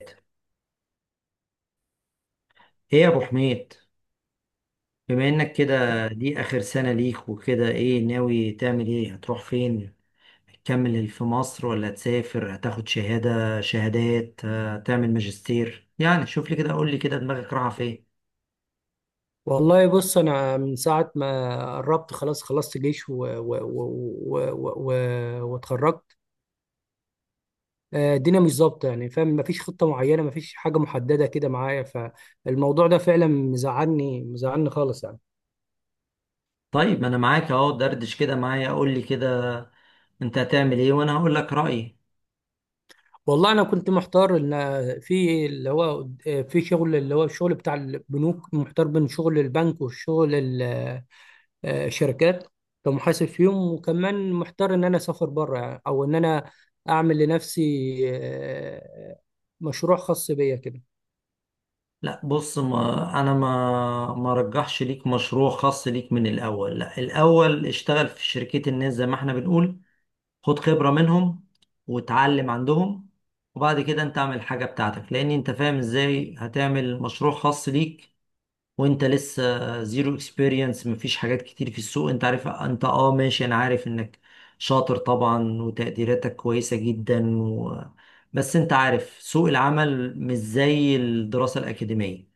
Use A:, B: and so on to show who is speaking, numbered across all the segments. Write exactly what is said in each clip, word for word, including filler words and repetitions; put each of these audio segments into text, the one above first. A: ايه، يا ابو حميد، بما انك كده دي اخر سنة ليك وكده ايه ناوي تعمل؟ ايه، هتروح فين؟ هتكمل في مصر ولا هتسافر؟ هتاخد شهادة، شهادات، هتعمل ماجستير؟ يعني شوف لي كده، قول لي كده، دماغك رايحة فين؟
B: والله بص، انا من ساعه ما قربت خلاص خلصت جيش و- و- و- و- و- واتخرجت. آه، الدنيا مش ظابطه، يعني فاهم، مفيش خطه معينه، مفيش حاجه محدده كده معايا. فالموضوع ده فعلا مزعلني مزعلني خالص يعني.
A: طيب، ما انا معاك اهو، دردش كده معايا، قول لي كده انت هتعمل ايه وانا هقول لك رأيي.
B: والله انا كنت محتار ان في اللي هو آه، في شغل، اللي هو الشغل بتاع البنوك. محتار بين شغل البنك والشغل، آه، شركات، كمحاسب فيهم. وكمان محتار ان انا اسافر بره يعني، او ان انا اعمل لنفسي آه، مشروع خاص بيا كده.
A: لا بص، ما انا ما ما رجحش ليك مشروع خاص ليك من الاول. لا، الاول اشتغل في شركات الناس زي ما احنا بنقول، خد خبرة منهم وتعلم عندهم، وبعد كده انت اعمل حاجة بتاعتك، لان انت فاهم ازاي هتعمل مشروع خاص ليك وانت لسه زيرو اكسبيرينس؟ مفيش حاجات كتير في السوق. انت عارف، انت اه ماشي، انا عارف انك شاطر طبعا وتقديراتك كويسة جدا و... بس انت عارف سوق العمل مش زي الدراسة الأكاديمية.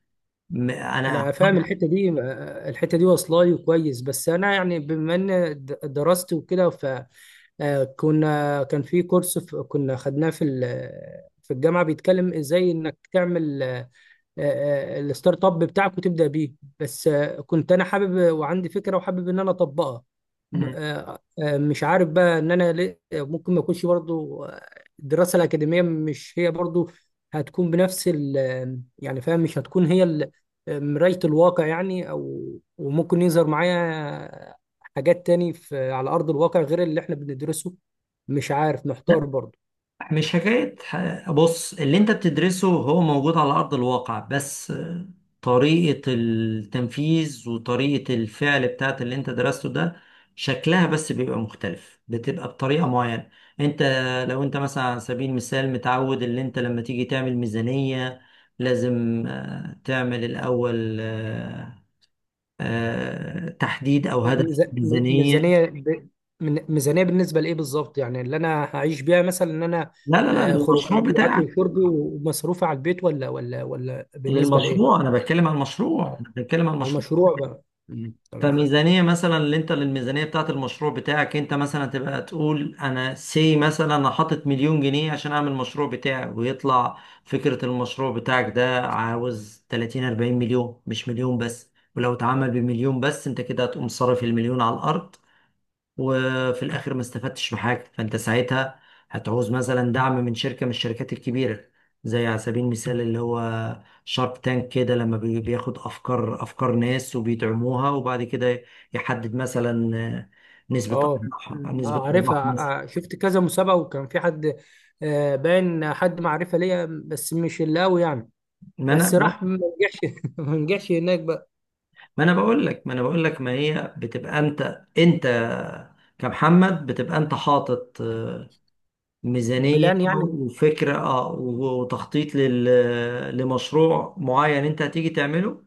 A: م- انا...
B: انا فاهم الحته دي، آه، الحته دي واصله لي كويس. بس انا يعني، بما ان د- درست وكده، فكنا كان في كورس، ف- كنا خدناه في ال- في الجامعه، بيتكلم ازاي انك تعمل آه، آه، آه، الستارت اب بتاعك وتبدا بيه. بس آه، كنت انا حابب وعندي فكره، وحابب ان انا اطبقها. م-
A: مم.
B: آه، آه، مش عارف بقى ان انا ليه- ممكن ما اكونش برضو آه، الدراسه الاكاديميه مش هي برضو هتكون بنفس ال آه، يعني فاهم، مش هتكون هي ال- مرايه الواقع يعني، او وممكن يظهر معايا حاجات تاني في على ارض الواقع غير اللي احنا بندرسه. مش عارف، محتار برضو.
A: مش حكاية ح- بص، اللي انت بتدرسه هو موجود على أرض الواقع، بس طريقة التنفيذ وطريقة الفعل بتاعت اللي انت درسته ده شكلها بس بيبقى مختلف، بتبقى بطريقة معينة. انت لو انت مثلا على سبيل المثال متعود، اللي انت لما تيجي تعمل ميزانية لازم آه، تعمل الأول آه، آه، تحديد أو هدف
B: ميز- م-
A: ميزانية.
B: ميزانية ب... من- ميزانية بالنسبة لإيه بالظبط يعني؟ اللي أنا هعيش بيها مثلا، إن أنا
A: لا لا لا،
B: آه، خروجات
A: للمشروع
B: وأكل
A: بتاعك.
B: وشرب ومصروفي على البيت؟ ولا ولا ولا بالنسبة
A: للمشروع،
B: لإيه؟
A: أنا بتكلم عن المشروع،
B: آه.
A: أنا بتكلم عن
B: على
A: المشروع.
B: المشروع بقى. مم. تمام.
A: فميزانية مثلا، اللي انت للميزانية بتاعت المشروع بتاعك، انت مثلا تبقى تقول انا سي، مثلا انا حاطط مليون جنيه عشان اعمل المشروع بتاعي، ويطلع فكرة المشروع بتاعك ده عاوز ثلاثين اربعين مليون، مش مليون بس. ولو اتعمل بمليون بس، انت كده هتقوم صارف المليون على الارض، وفي الاخر ما استفدتش بحاجه. فانت ساعتها هتعوز مثلا دعم من شركه من الشركات الكبيره، زي على سبيل المثال اللي هو شارك تانك كده، لما بي- بياخد افكار، افكار ناس، وبيدعموها، وبعد كده يحدد مثلا نسبه
B: أه.
A: ارباح،
B: مم. أه
A: نسبه ارباح
B: عارفها. ع-
A: مثلا.
B: ع- شفت كذا مسابقة وكان في حد، آه، باين حد معرفة ليا بس مش اللي قوي يعني.
A: ما انا
B: بس
A: ما
B: راح ما نجحش ما نجحش هناك بقى.
A: ما انا بقول لك ما انا بقول لك، ما هي بتبقى انت، انت كمحمد، بتبقى انت حاطط ميزانية
B: بلان يعني.
A: وفكرة، اه، وتخطيط لل... لمشروع معين انت هتيجي تعمله.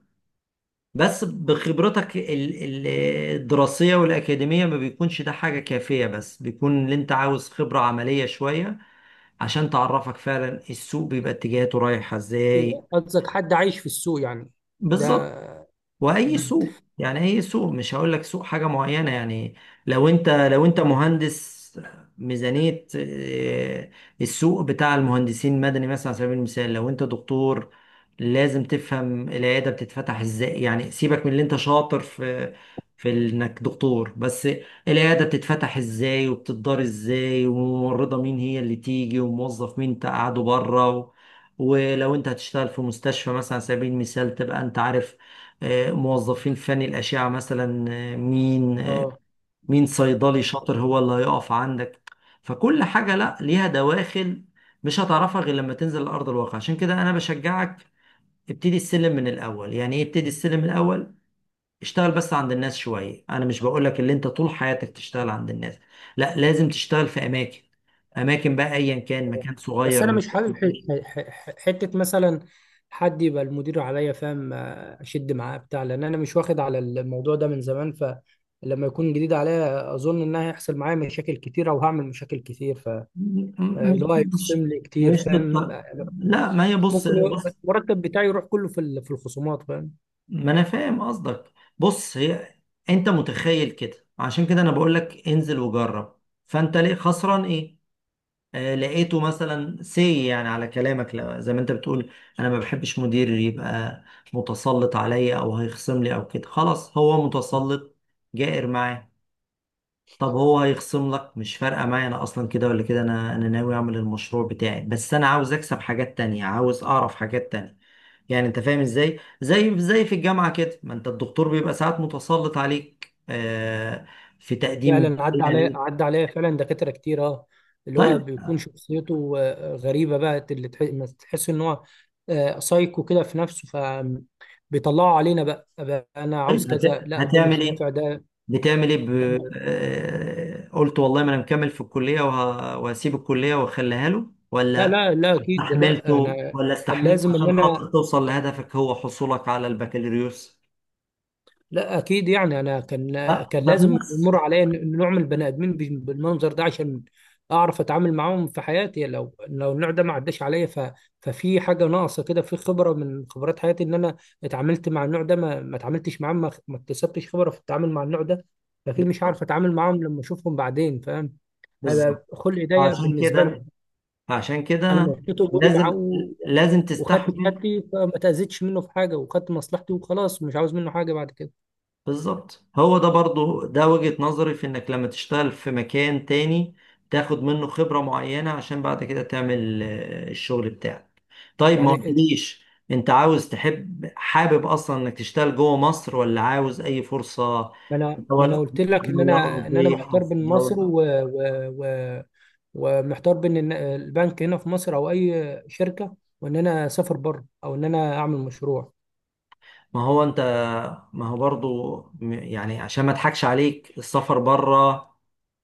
A: بس بخبرتك ال- ال- الدراسية والأكاديمية، ما بيكونش ده حاجة كافية، بس بيكون اللي انت عاوز خبرة عملية شوية عشان تعرفك فعلا السوق بيبقى اتجاهاته رايحة ازاي.
B: قصدك حد عايش في السوق يعني؟ ده.
A: بالظبط. واي
B: مم.
A: سوق، يعني اي سوق، مش هقول لك سوق حاجه معينه يعني. لو انت لو انت مهندس، ميزانيه، آه، السوق بتاع المهندسين مدني مثلا. على سبيل المثال، لو انت دكتور، لازم تفهم العياده بتتفتح ازاي. يعني سيبك من اللي انت شاطر في في انك دكتور بس، العياده بتتفتح ازاي وبتدار ازاي، وممرضه مين هي اللي تيجي، وموظف مين تقعده بره. ولو انت هتشتغل في مستشفى مثلا على سبيل المثال، تبقى انت عارف آه، موظفين فني الأشعة مثلا، آه، مين آه،
B: اه.
A: مين صيدلي شاطر هو اللي هيقف عندك. فكل حاجة لا ليها دواخل، مش هتعرفها غير لما تنزل لأرض الواقع. عشان كده أنا بشجعك ابتدي السلم من الأول. يعني إيه ابتدي السلم من الأول؟ اشتغل بس عند الناس شوية. أنا مش بقولك اللي أنت طول حياتك تشتغل عند الناس، لا، لازم تشتغل في أماكن، أماكن بقى أيا كان، مكان
B: بس
A: صغير
B: انا مش
A: مكان
B: حابب
A: كبير.
B: ح- ح- ح- حته مثلا حد يبقى المدير عليا، فاهم، آه، اشد معاه بتاع. لان انا مش واخد على الموضوع ده من زمان، فلما يكون جديد عليا اظن ان هيحصل معايا مشاكل كتير او هعمل مشاكل كتير.
A: م- م-
B: فاللي
A: مش
B: هو
A: مش
B: هيخصم لي كتير،
A: مش
B: فاهم.
A: بالط- لا، ما هي، بص
B: ممكن
A: بص،
B: المرتب بتاعي يروح كله في ال- في الخصومات، فاهم.
A: ما انا فاهم قصدك. بص هي، انت متخيل كده. عشان كده انا بقول لك انزل وجرب، فانت ليه خسران ايه؟ آه، لقيته مثلا سي، يعني على كلامك، لا- زي ما انت بتقول، انا ما بحبش مدير يبقى متسلط عليا او هيخصم لي او كده، خلاص هو متسلط جائر معاه، طب هو هيخصم لك مش فارقه معايا. انا اصلا كده ولا كده، انا انا ناوي اعمل المشروع بتاعي، بس انا عاوز اكسب حاجات تانية، عاوز اعرف حاجات تانية. يعني انت فاهم ازاي؟ زي زي في الجامعه كده، ما انت الدكتور بيبقى ساعات متسلط عليك، آه، في تقديم
B: فعلا عدى
A: شيء
B: عليا
A: ليك.
B: عدى عليا فعلا دكاترة كتير. اه، اللي هو
A: طيب،
B: بيكون شخصيته آه، غريبة بقى، اللي تح- ما تحس ان هو آه، سايكو كده في نفسه. فبيطلعوا علينا بقى، بقى انا عاوز
A: طيب
B: كذا،
A: هت-
B: لا ده
A: هتعمل
B: مش
A: ايه؟
B: نافع ده,
A: بتعمل ايه ب...
B: ده
A: آه، قلت والله ما انا مكمل في الكليه وه... وهسيب الكليه واخليها له،
B: لا
A: ولا
B: لا لا، اكيد لا،
A: استحملته،
B: انا
A: ولا
B: كان
A: استحملت
B: لازم ان
A: عشان خاطر
B: انا
A: توصل لهدفك، هو حصولك على البكالوريوس.
B: لا اكيد يعني انا كان
A: ف-
B: كان لازم
A: فبنفس...
B: يمر عليا إن- نوع من البني ادمين بال- بالمنظر ده عشان اعرف اتعامل معاهم في حياتي. لو لو النوع ده ما عداش عليا، ف... ففي حاجه ناقصه كده في خبره من خبرات حياتي ان انا اتعاملت مع النوع ده. ما, ما اتعاملتش معاه، ما... ما اكتسبتش خبره في التعامل مع النوع ده. فاكيد مش هعرف
A: بالظبط،
B: اتعامل معاهم لما اشوفهم بعدين، فاهم.
A: بالظبط،
B: هيبقى خلق ضيق
A: عشان
B: بالنسبه
A: كده،
B: لهم.
A: عشان
B: انا
A: كده
B: مشيت اموري معاه
A: لازم،
B: و-
A: لازم
B: وخدت
A: تستحمل.
B: كتابتي، فما تاذيتش منه في حاجه وخدت مصلحتي وخلاص، مش عاوز منه حاجه بعد كده.
A: بالظبط، هو ده برضه ده وجهة نظري، في انك لما تشتغل في مكان تاني تاخد منه خبرة معينة عشان بعد كده تعمل آه، الشغل بتاعك. طيب ما
B: يعني
A: قلتليش، انت عاوز تحب حابب اصلا انك تشتغل جوه مصر ولا عاوز اي فرصة
B: ما
A: في
B: انا ما انا
A: دول-
B: قلت لك ان
A: دولة
B: انا ان انا
A: أوروبية أو
B: محتار
A: في
B: بين مصر
A: دولة؟
B: و... و... و... ومحتار بين إن البنك هنا في مصر او اي شركه، وان انا اسافر بره، او ان انا اعمل مشروع.
A: ما هو أنت، ما هو برضو م- يعني عشان ما أضحكش عليك، السفر بره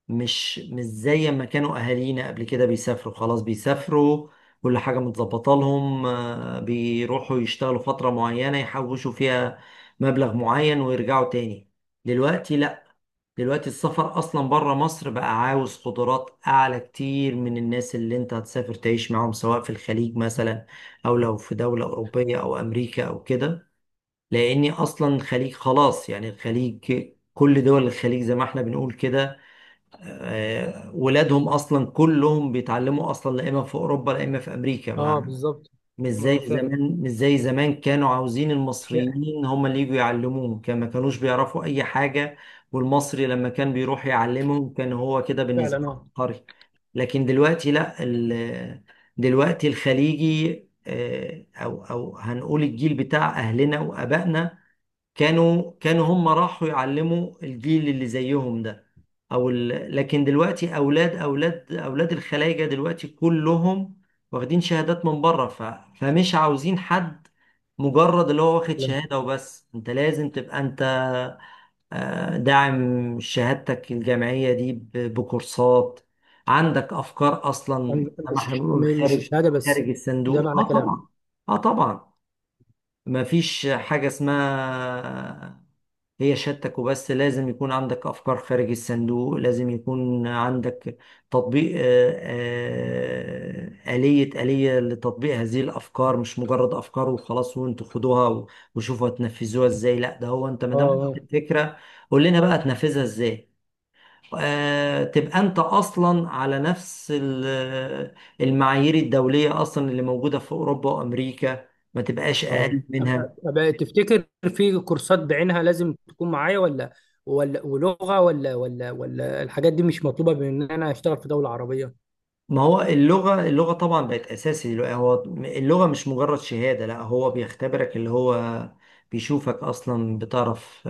A: مش مش زي ما كانوا اهالينا قبل كده بيسافروا. خلاص بيسافروا كل حاجة متظبطة لهم، آه، بيروحوا يشتغلوا فترة معينة يحوشوا فيها مبلغ معين ويرجعوا تاني. دلوقتي لا، دلوقتي السفر اصلا بره مصر بقى عاوز قدرات اعلى كتير من الناس اللي انت هتسافر تعيش معاهم، سواء في الخليج مثلا، او لو في دولة اوروبية او امريكا او كده، لاني اصلا الخليج خلاص يعني. الخليج، كل دول الخليج زي ما احنا بنقول كده، آه، ولادهم اصلا كلهم بيتعلموا اصلا، لا اما في اوروبا لا اما في امريكا،
B: اه
A: ما،
B: بالظبط.
A: مش زي
B: اه فعلا.
A: زمان، مش زي زمان كانوا عاوزين المصريين هم اللي يجوا يعلموهم، كان ما كانوش بيعرفوا اي حاجه، والمصري لما كان بيروح يعلمهم كان هو كده
B: فعلا
A: بالنسبه له
B: اه.
A: عبقري. لكن دلوقتي لا، ال- دلوقتي الخليجي آه، او او هنقول الجيل بتاع اهلنا وابائنا، كانوا كانوا هم راحوا يعلموا الجيل اللي زيهم ده او ال... لكن دلوقتي اولاد اولاد اولاد الخلايجه دلوقتي كلهم واخدين شهادات من بره، ف... فمش عاوزين حد مجرد اللي هو واخد
B: فعلا.
A: شهاده وبس. انت لازم تبقى انت آه، داعم شهادتك الجامعيه دي ب... بكورسات. عندك افكار اصلا،
B: يعني
A: زي ما احنا
B: مش
A: بنقول،
B: م- مش
A: خارج
B: الشهاده بس،
A: خارج
B: ده
A: الصندوق،
B: معنى
A: اه طبعا.
B: كلام.
A: اه طبعا، ما فيش حاجه اسمها هي شهادتك وبس، لازم يكون عندك أفكار خارج الصندوق، لازم يكون عندك تطبيق، آه، آه، آلية، آلية لتطبيق هذه الأفكار، مش مجرد أفكار وخلاص وانتوا خدوها و- وشوفوا هتنفذوها ازاي. لا، ده هو انت ما
B: اه.
A: دام قلت
B: اه.
A: الفكرة، قول لنا بقى هتنفذها ازاي. آه، تبقى انت اصلا على نفس ال- المعايير الدولية اصلا اللي موجودة في اوروبا وامريكا، ما تبقاش
B: اه.
A: اقل
B: أب-
A: منها.
B: أب- تفتكر في كورسات بعينها لازم تكون معايا، ولا ولا ولغه، ولا ولا ولا الحاجات دي مش مطلوبه بان انا اشتغل في دوله عربيه؟
A: ما هو اللغة، اللغة طبعا بقت أساسي دلوقتي. هو اللغة مش مجرد شهادة، لا، هو بيختبرك، اللي هو بيشوفك أصلا بتعرف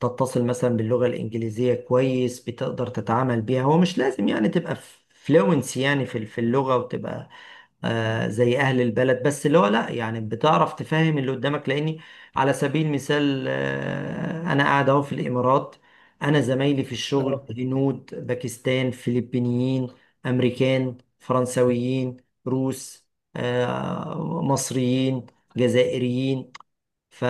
A: تتصل مثلا باللغة الإنجليزية كويس، بتقدر تتعامل بيها. هو مش لازم يعني تبقى فلوينسي يعني في في اللغة، وتبقى آه، زي اهل البلد، بس اللي هو لا، يعني بتعرف تفهم اللي قدامك. لاني على سبيل المثال آه، انا قاعد اهو في الامارات، انا زمايلي في الشغل
B: اه.
A: هنود، باكستان، فلبينيين، امريكان، فرنسويين، روس، آه، مصريين، جزائريين. ف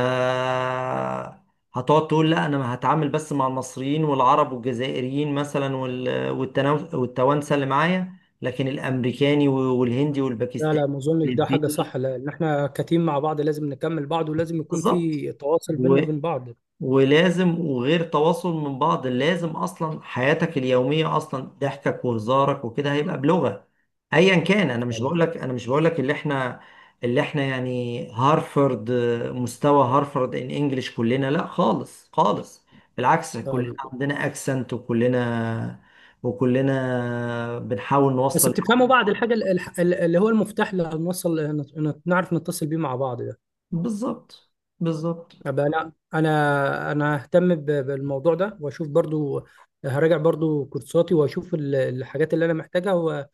A: هتقعد تقول لا انا هتعامل بس مع المصريين والعرب والجزائريين مثلا وال- والتناو- والتوانسه اللي معايا، لكن الامريكاني والهندي
B: لا لا،
A: والباكستاني
B: ما اظنش ده حاجه
A: والفلبيني،
B: صح، لان احنا كتيم مع بعض، لازم نكمل بعض ولازم يكون
A: بالظبط.
B: في تواصل بيننا وبين بعض.
A: ولازم، وغير تواصل من بعض، لازم اصلا حياتك اليوميه اصلا ضحكك وهزارك وكده هيبقى بلغه ايا كان. انا مش
B: فعلا.
A: بقولك انا مش بقولك اللي احنا اللي احنا يعني هارفرد، مستوى هارفرد ان انجلش كلنا، لا خالص خالص، بالعكس
B: اه
A: كلنا
B: بالظبط.
A: عندنا اكسنت، وكلنا وكلنا بنحاول
B: بس
A: نوصل.
B: بتفهموا بعض الحاجه ال- الح- ال- اللي هو المفتاح اللي هنوصل هن- نعرف نتصل بيه مع بعض ده.
A: بالظبط، بالظبط، ان
B: أبقى انا انا انا ههتم ب- بالموضوع ده واشوف برضو. هراجع برضو كورساتي واشوف ال- الحاجات اللي انا محتاجها، و-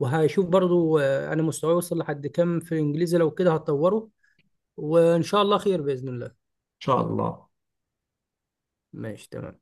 B: وهشوف برضو آه، انا مستواي وصل لحد كام في الانجليزي، لو كده هتطوره. وان شاء الله خير باذن الله.
A: شاء الله.
B: ماشي، تمام.